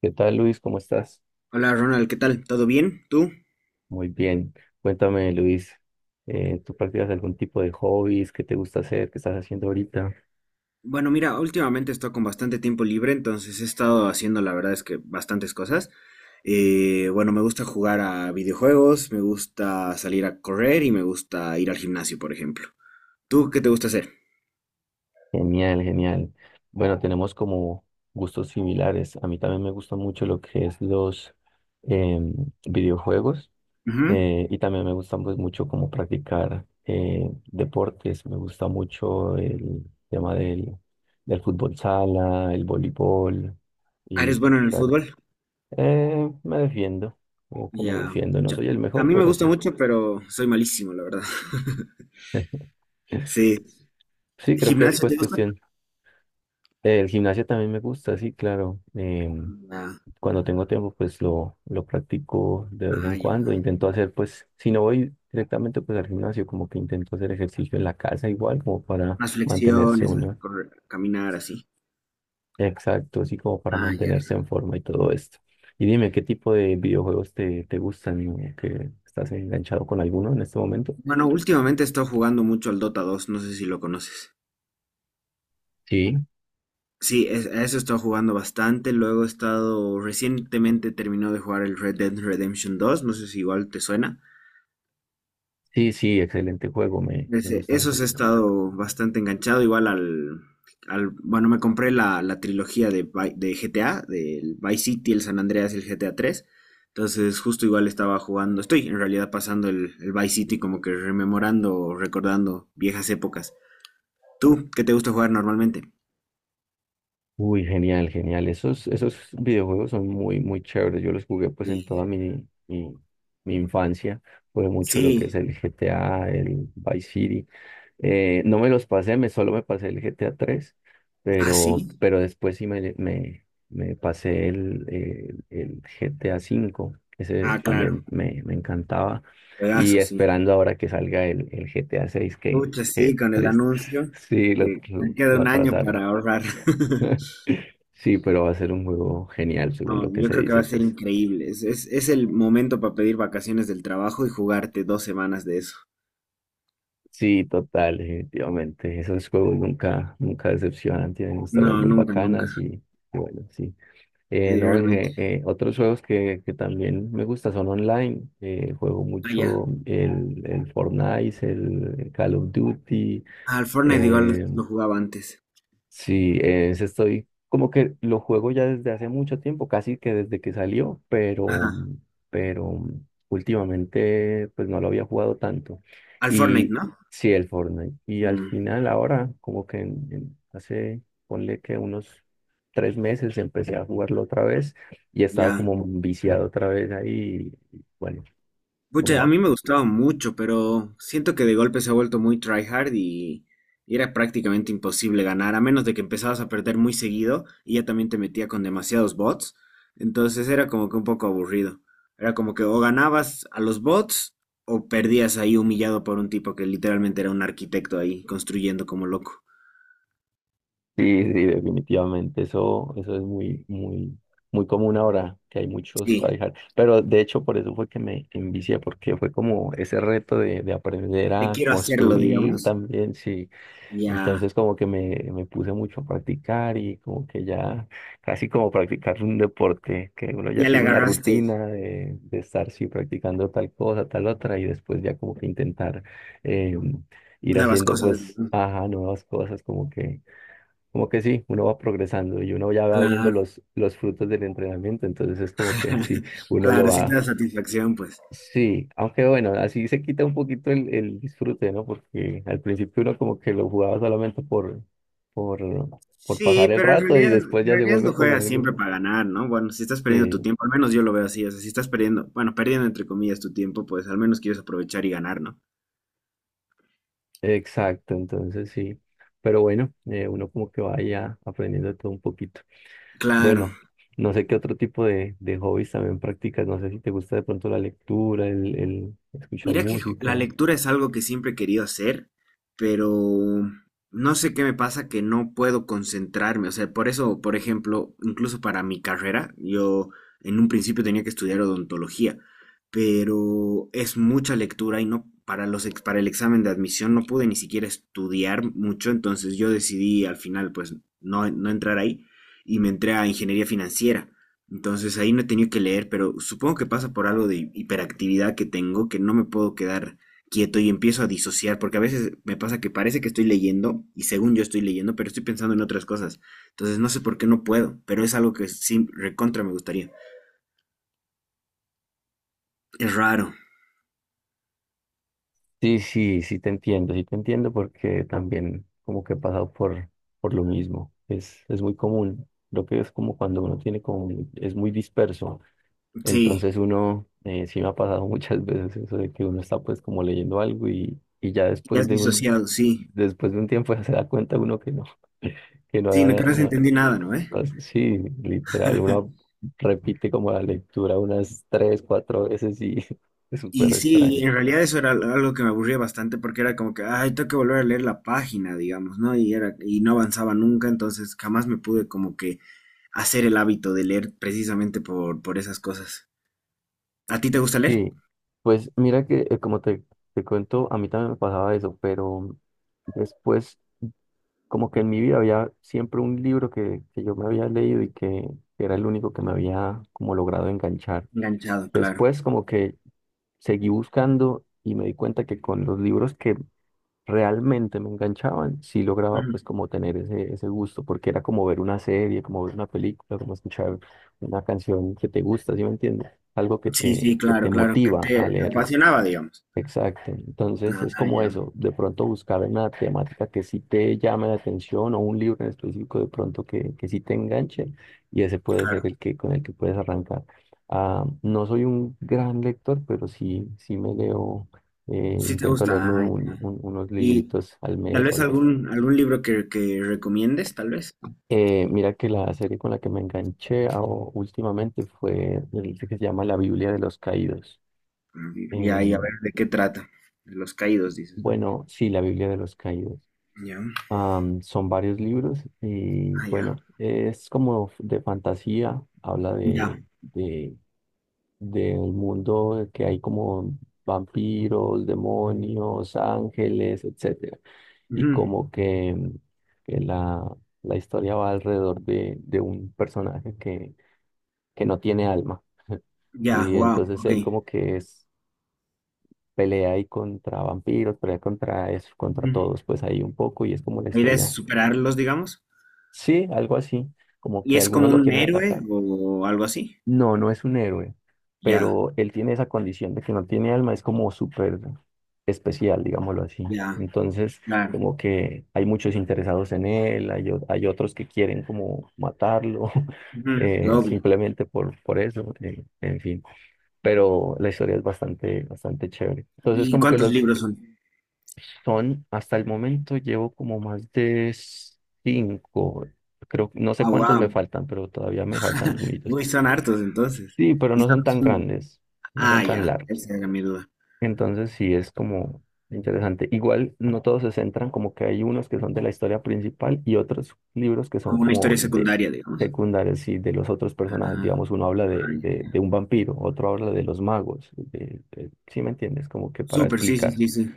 ¿Qué tal, Luis? ¿Cómo estás? Hola Ronald, ¿qué tal? ¿Todo bien? ¿Tú? Muy bien. Cuéntame, Luis, ¿tú practicas algún tipo de hobbies? ¿Qué te gusta hacer? ¿Qué estás haciendo ahorita? Bueno, mira, últimamente estoy con bastante tiempo libre, entonces he estado haciendo, la verdad es que bastantes cosas. Bueno, me gusta jugar a videojuegos, me gusta salir a correr y me gusta ir al gimnasio, por ejemplo. ¿Tú qué te gusta hacer? Genial, genial. Bueno, tenemos como gustos similares. A mí también me gusta mucho lo que es los em, videojuegos Ujú. Y también me gusta, pues, mucho como practicar deportes. Me gusta mucho el tema del fútbol sala, el voleibol Ah, y ¿eres bueno en el practicar. fútbol? Me defiendo, como que me Ya, defiendo, no soy el a mejor, mí me pero gusta sí. mucho, pero soy malísimo, la verdad. Sí. Sí, creo que es ¿Gimnasio pues te gusta? cuestión. El gimnasio también me gusta, sí, claro. Ah, Cuando tengo tiempo, pues lo practico de vez ah, en ya. cuando. Intento hacer, pues, si no voy directamente pues al gimnasio, como que intento hacer ejercicio en la casa igual, como para Más mantenerse flexiones, uno. Caminar así. Exacto, así como para Ah, ya. mantenerse en forma y todo esto. Y dime, ¿qué tipo de videojuegos te gustan o que estás enganchado con alguno en este momento? Bueno, últimamente he estado jugando mucho al Dota 2, no sé si lo conoces. Sí, Sí, a eso he estado jugando bastante. Luego he estado, recientemente terminó de jugar el Red Dead Redemption 2, no sé si igual te suena. sí, sí, excelente juego, me gusta mucho Esos he también. estado bastante enganchado, igual al, bueno, me compré la trilogía de GTA, del Vice City, el San Andreas y el GTA 3. Entonces, justo igual estaba jugando, estoy en realidad pasando el Vice City como que rememorando, recordando viejas épocas. ¿Tú qué te gusta jugar normalmente? Uy, genial, genial. Esos, esos videojuegos son muy, muy chéveres. Yo los jugué pues en toda Sí. Mi, mi infancia. Jugué mucho lo que es Sí, el GTA, el Vice City. No me los pasé, me solo me pasé el GTA 3, ah, pero, sí, pero después sí me pasé el GTA 5, ese ah, claro, también me encantaba. Y juegazo, sí. esperando ahora que salga el GTA 6, Pucha, sí, que con el triste. anuncio, Sí, que me queda lo un año atrasaron. para ahorrar. Sí, pero va a ser un juego genial, No, según lo que yo se creo que va dice, a ser pues. increíble. Es el momento para pedir vacaciones del trabajo y jugarte 2 semanas de eso. Sí, total, definitivamente. Esos juegos nunca, nunca decepcionan, tienen historias No, muy nunca, nunca, bacanas y bueno, sí. No, realmente. Otros juegos que también me gusta son online. Juego Ah, ya. mucho el Fortnite, el Call of Duty. Ah, al Fortnite igual lo, eh, lo jugaba antes. Sí, ese estoy como que lo juego ya desde hace mucho tiempo, casi que desde que salió, Ajá, pero últimamente pues no lo había jugado tanto. al Fortnite, Y ¿no? sí, el Fortnite. Y al Mm, final ahora, como que hace, ponle que unos 3 meses, empecé a jugarlo otra vez y he estado ya. como viciado otra vez ahí. Y bueno, Pucha, a como mí me gustaba mucho, pero siento que de golpe se ha vuelto muy tryhard y era prácticamente imposible ganar, a menos de que empezabas a perder muy seguido y ya también te metía con demasiados bots. Entonces era como que un poco aburrido. Era como que o ganabas a los bots o perdías ahí humillado por un tipo que literalmente era un arquitecto ahí construyendo como loco. sí, sí, definitivamente. Eso es muy, muy, muy común ahora, que hay muchos Sí, tryhard. Pero de hecho, por eso fue que me envicié, porque fue como ese reto de aprender de a quiero hacerlo, construir digamos. también, sí. Ya, Entonces, como que me puse mucho a practicar y como que ya, casi como practicar un deporte, que uno ya ya le tiene una agarraste rutina de estar, sí, practicando tal cosa, tal otra, y después ya como que intentar eh, ir nuevas haciendo, cosas. pues, ¿No? ajá, nuevas cosas, como que, como que sí, uno va progresando y uno ya va viendo Claro, los frutos del entrenamiento, entonces es como que sí, uno lo claro, sí te va. da satisfacción, pues. Sí, aunque bueno, así se quita un poquito el disfrute, ¿no? Porque al principio uno como que lo jugaba solamente por, por Sí, pasar el pero en rato y realidad, después en ya se realidad no vuelve como juegas siempre algo. para ganar, ¿no? Bueno, si estás perdiendo tu Sí, tiempo, al menos yo lo veo así, o sea, si estás perdiendo, bueno, perdiendo entre comillas tu tiempo, pues al menos quieres aprovechar y ganar, ¿no? exacto, entonces sí. Pero bueno, uno como que va ya aprendiendo todo un poquito. Claro. Bueno, no sé qué otro tipo de hobbies también practicas. No sé si te gusta de pronto la lectura, el escuchar Mira que música. la lectura es algo que siempre he querido hacer, pero no sé qué me pasa que no puedo concentrarme. O sea, por eso, por ejemplo, incluso para mi carrera, yo en un principio tenía que estudiar odontología, pero es mucha lectura y no para el examen de admisión no pude ni siquiera estudiar mucho, entonces yo decidí al final pues no, no entrar ahí y me entré a ingeniería financiera. Entonces ahí no he tenido que leer, pero supongo que pasa por algo de hiperactividad que tengo, que no me puedo quedar quieto y empiezo a disociar, porque a veces me pasa que parece que estoy leyendo y según yo estoy leyendo, pero estoy pensando en otras cosas. Entonces no sé por qué no puedo, pero es algo que sí, recontra me gustaría. Es raro, Sí, sí, sí te entiendo porque también como que he pasado por lo mismo. Es muy común. Creo que es como cuando uno tiene como, es muy disperso. sí, Entonces uno, sí me ha pasado muchas veces eso de que uno está pues como leyendo algo y ya ya después has de disociado, sí. después de un tiempo ya se da cuenta uno que no, que no, Sí, no, ha- que no se no, entendí nada, ¿no? ¿Eh? ah, sí, literal, uno repite como la lectura unas 3, 4 veces y es Y súper sí, extraño. en realidad eso era algo que me aburría bastante porque era como que, ay, tengo que volver a leer la página, digamos, ¿no? Y era, y no avanzaba nunca, entonces jamás me pude como que hacer el hábito de leer precisamente por esas cosas. ¿A ti te gusta leer? Sí, pues mira que como te cuento, a mí también me pasaba eso, pero después como que en mi vida había siempre un libro que yo me había leído y que era el único que me había como logrado enganchar. Enganchado, claro. Después como que seguí buscando y me di cuenta que con los libros que realmente me enganchaban, sí lograba Ujú. pues como tener ese, ese gusto, porque era como ver una serie, como ver una película, como escuchar una canción que te gusta, ¿sí me entiendes? Algo Sí, sí, que te claro, claro. Que motiva a te leerla. apasionaba, digamos. Exacto. Entonces es Ah, como ya. eso, de pronto buscar una temática que sí te llame la atención o un libro en específico de pronto que sí te enganche, y ese puede ser Claro. el que con el que puedes arrancar. Ah, no soy un gran lector, pero sí, sí me leo, Sí te intento gusta. leerme Ah, ya. Unos Y libritos al tal mes o vez algo así. algún libro que recomiendes, tal vez. Mira que la serie con la que me enganché últimamente fue el que se llama La Biblia de los Caídos. Mm, Y ahí a Em, ver de qué trata. De los caídos, dices, ¿no? bueno, sí, La Biblia de los Caídos. Ya. Am, son varios libros y Ah, ya, bueno, es como de fantasía, habla ya, del mundo que hay como vampiros, demonios, ángeles, etcétera. Y ujú, como que, mm, que la historia va alrededor de un personaje que no tiene alma. ya, Y wow, entonces ok. él como que es, pelea ahí contra vampiros, pelea contra eso, contra Ujú. todos, pues ahí un poco y es como la La idea es historia. superarlos, digamos. Sí, algo así, como ¿Y que es algunos como lo un quieren héroe atacar. o algo así? No, no es un héroe, Ya, pero él tiene esa condición de que no tiene alma, es como súper especial, digámoslo así. ya, Entonces, claro. como que hay muchos interesados en él, hay, hay otros que quieren como matarlo, Ujú, obvio. simplemente por eso, en fin. Pero la historia es bastante, bastante chévere. Entonces, ¿Y como que cuántos los, libros son? son, hasta el momento llevo como más de cinco. Creo, no sé Ah, cuántos me wow. faltan, pero todavía me faltan algunos. Uy, son hartos entonces. Sí, pero Y no son- son tan son- grandes, no Ah, son tan ya, largos. esa era mi duda. Entonces sí es como interesante. Igual no todos se centran, como que hay unos que son de la historia principal y otros libros que son Como una como historia de secundaria, digamos. secundarios y de los otros personajes. Ah, Digamos, uno habla ah, ya, de ya. un vampiro, otro habla de los magos. ¿Sí me entiendes? Como que para Súper, sí, sí, explicar. sí, sí.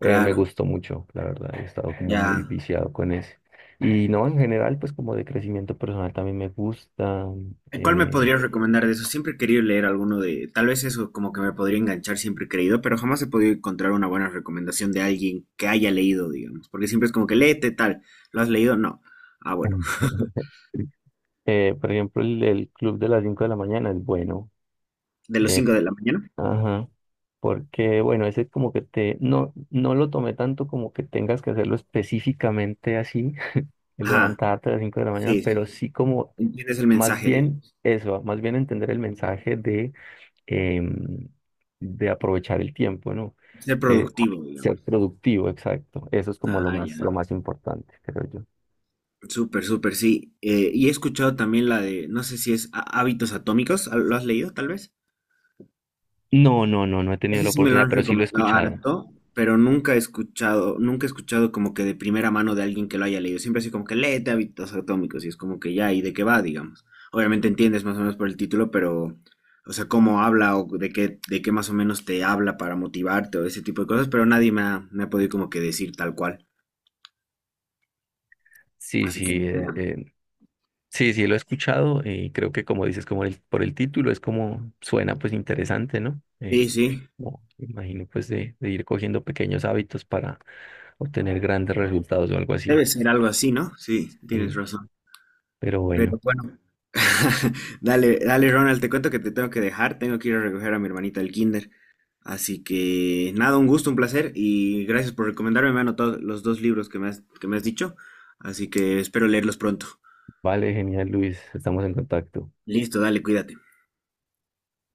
Me Claro, gustó mucho, la verdad, he estado como muy ya. viciado con ese. Y no, en general, pues como de crecimiento personal también me gusta. ¿Cuál me eh, podrías recomendar de eso? Siempre he querido leer alguno de, tal vez eso como que me podría enganchar, siempre he creído, pero jamás he podido encontrar una buena recomendación de alguien que haya leído, digamos, porque siempre es como que léete tal, ¿lo has leído? No. Ah, bueno, por ejemplo, el club de las 5 de la mañana es bueno. de los eh, 5 de la mañana. ajá. Porque, bueno, ese es como que te, no, no lo tomé tanto como que tengas que hacerlo específicamente así, de Ajá, levantarte a las 5 de la mañana, sí, pero sí, sí como entiendes el más mensaje, bien digamos, eso, más bien entender el mensaje de em, de aprovechar el tiempo, ¿no? ser De productivo, ser digamos. productivo, exacto. Eso es como Ah, ya. Lo más importante, creo yo. Súper, súper, sí. Y he escuchado también la de, no sé si es Hábitos Atómicos, ¿lo has leído tal vez? No, no, no, no he tenido Ese la sí me lo oportunidad, han pero sí lo he recomendado escuchado. harto, pero nunca he escuchado, nunca he escuchado como que de primera mano de alguien que lo haya leído. Siempre así como que léete Hábitos Atómicos y es como que ya, ¿y de qué va, digamos? Obviamente entiendes más o menos por el título, pero, o sea, cómo habla o de qué más o menos te habla para motivarte o ese tipo de cosas, pero nadie me ha podido como que decir tal cual. Sí, Así que sí, ni idea. Sí, sí lo he escuchado y creo que como dices, como por el título, es como suena pues interesante, ¿no? Sí, sí. Como, me imagino pues de ir cogiendo pequeños hábitos para obtener grandes resultados o algo así. Debe ser algo así, ¿no? Sí, tienes Sí, razón. pero bueno, Pero bueno. Dale, dale, Ronald, te cuento que te tengo que dejar, tengo que ir a recoger a mi hermanita al kinder. Así que nada, un gusto, un placer y gracias por recomendarme. Me han anotado los dos libros que me has dicho, así que espero leerlos pronto. vale, genial, Luis, estamos en contacto. Listo, dale, cuídate.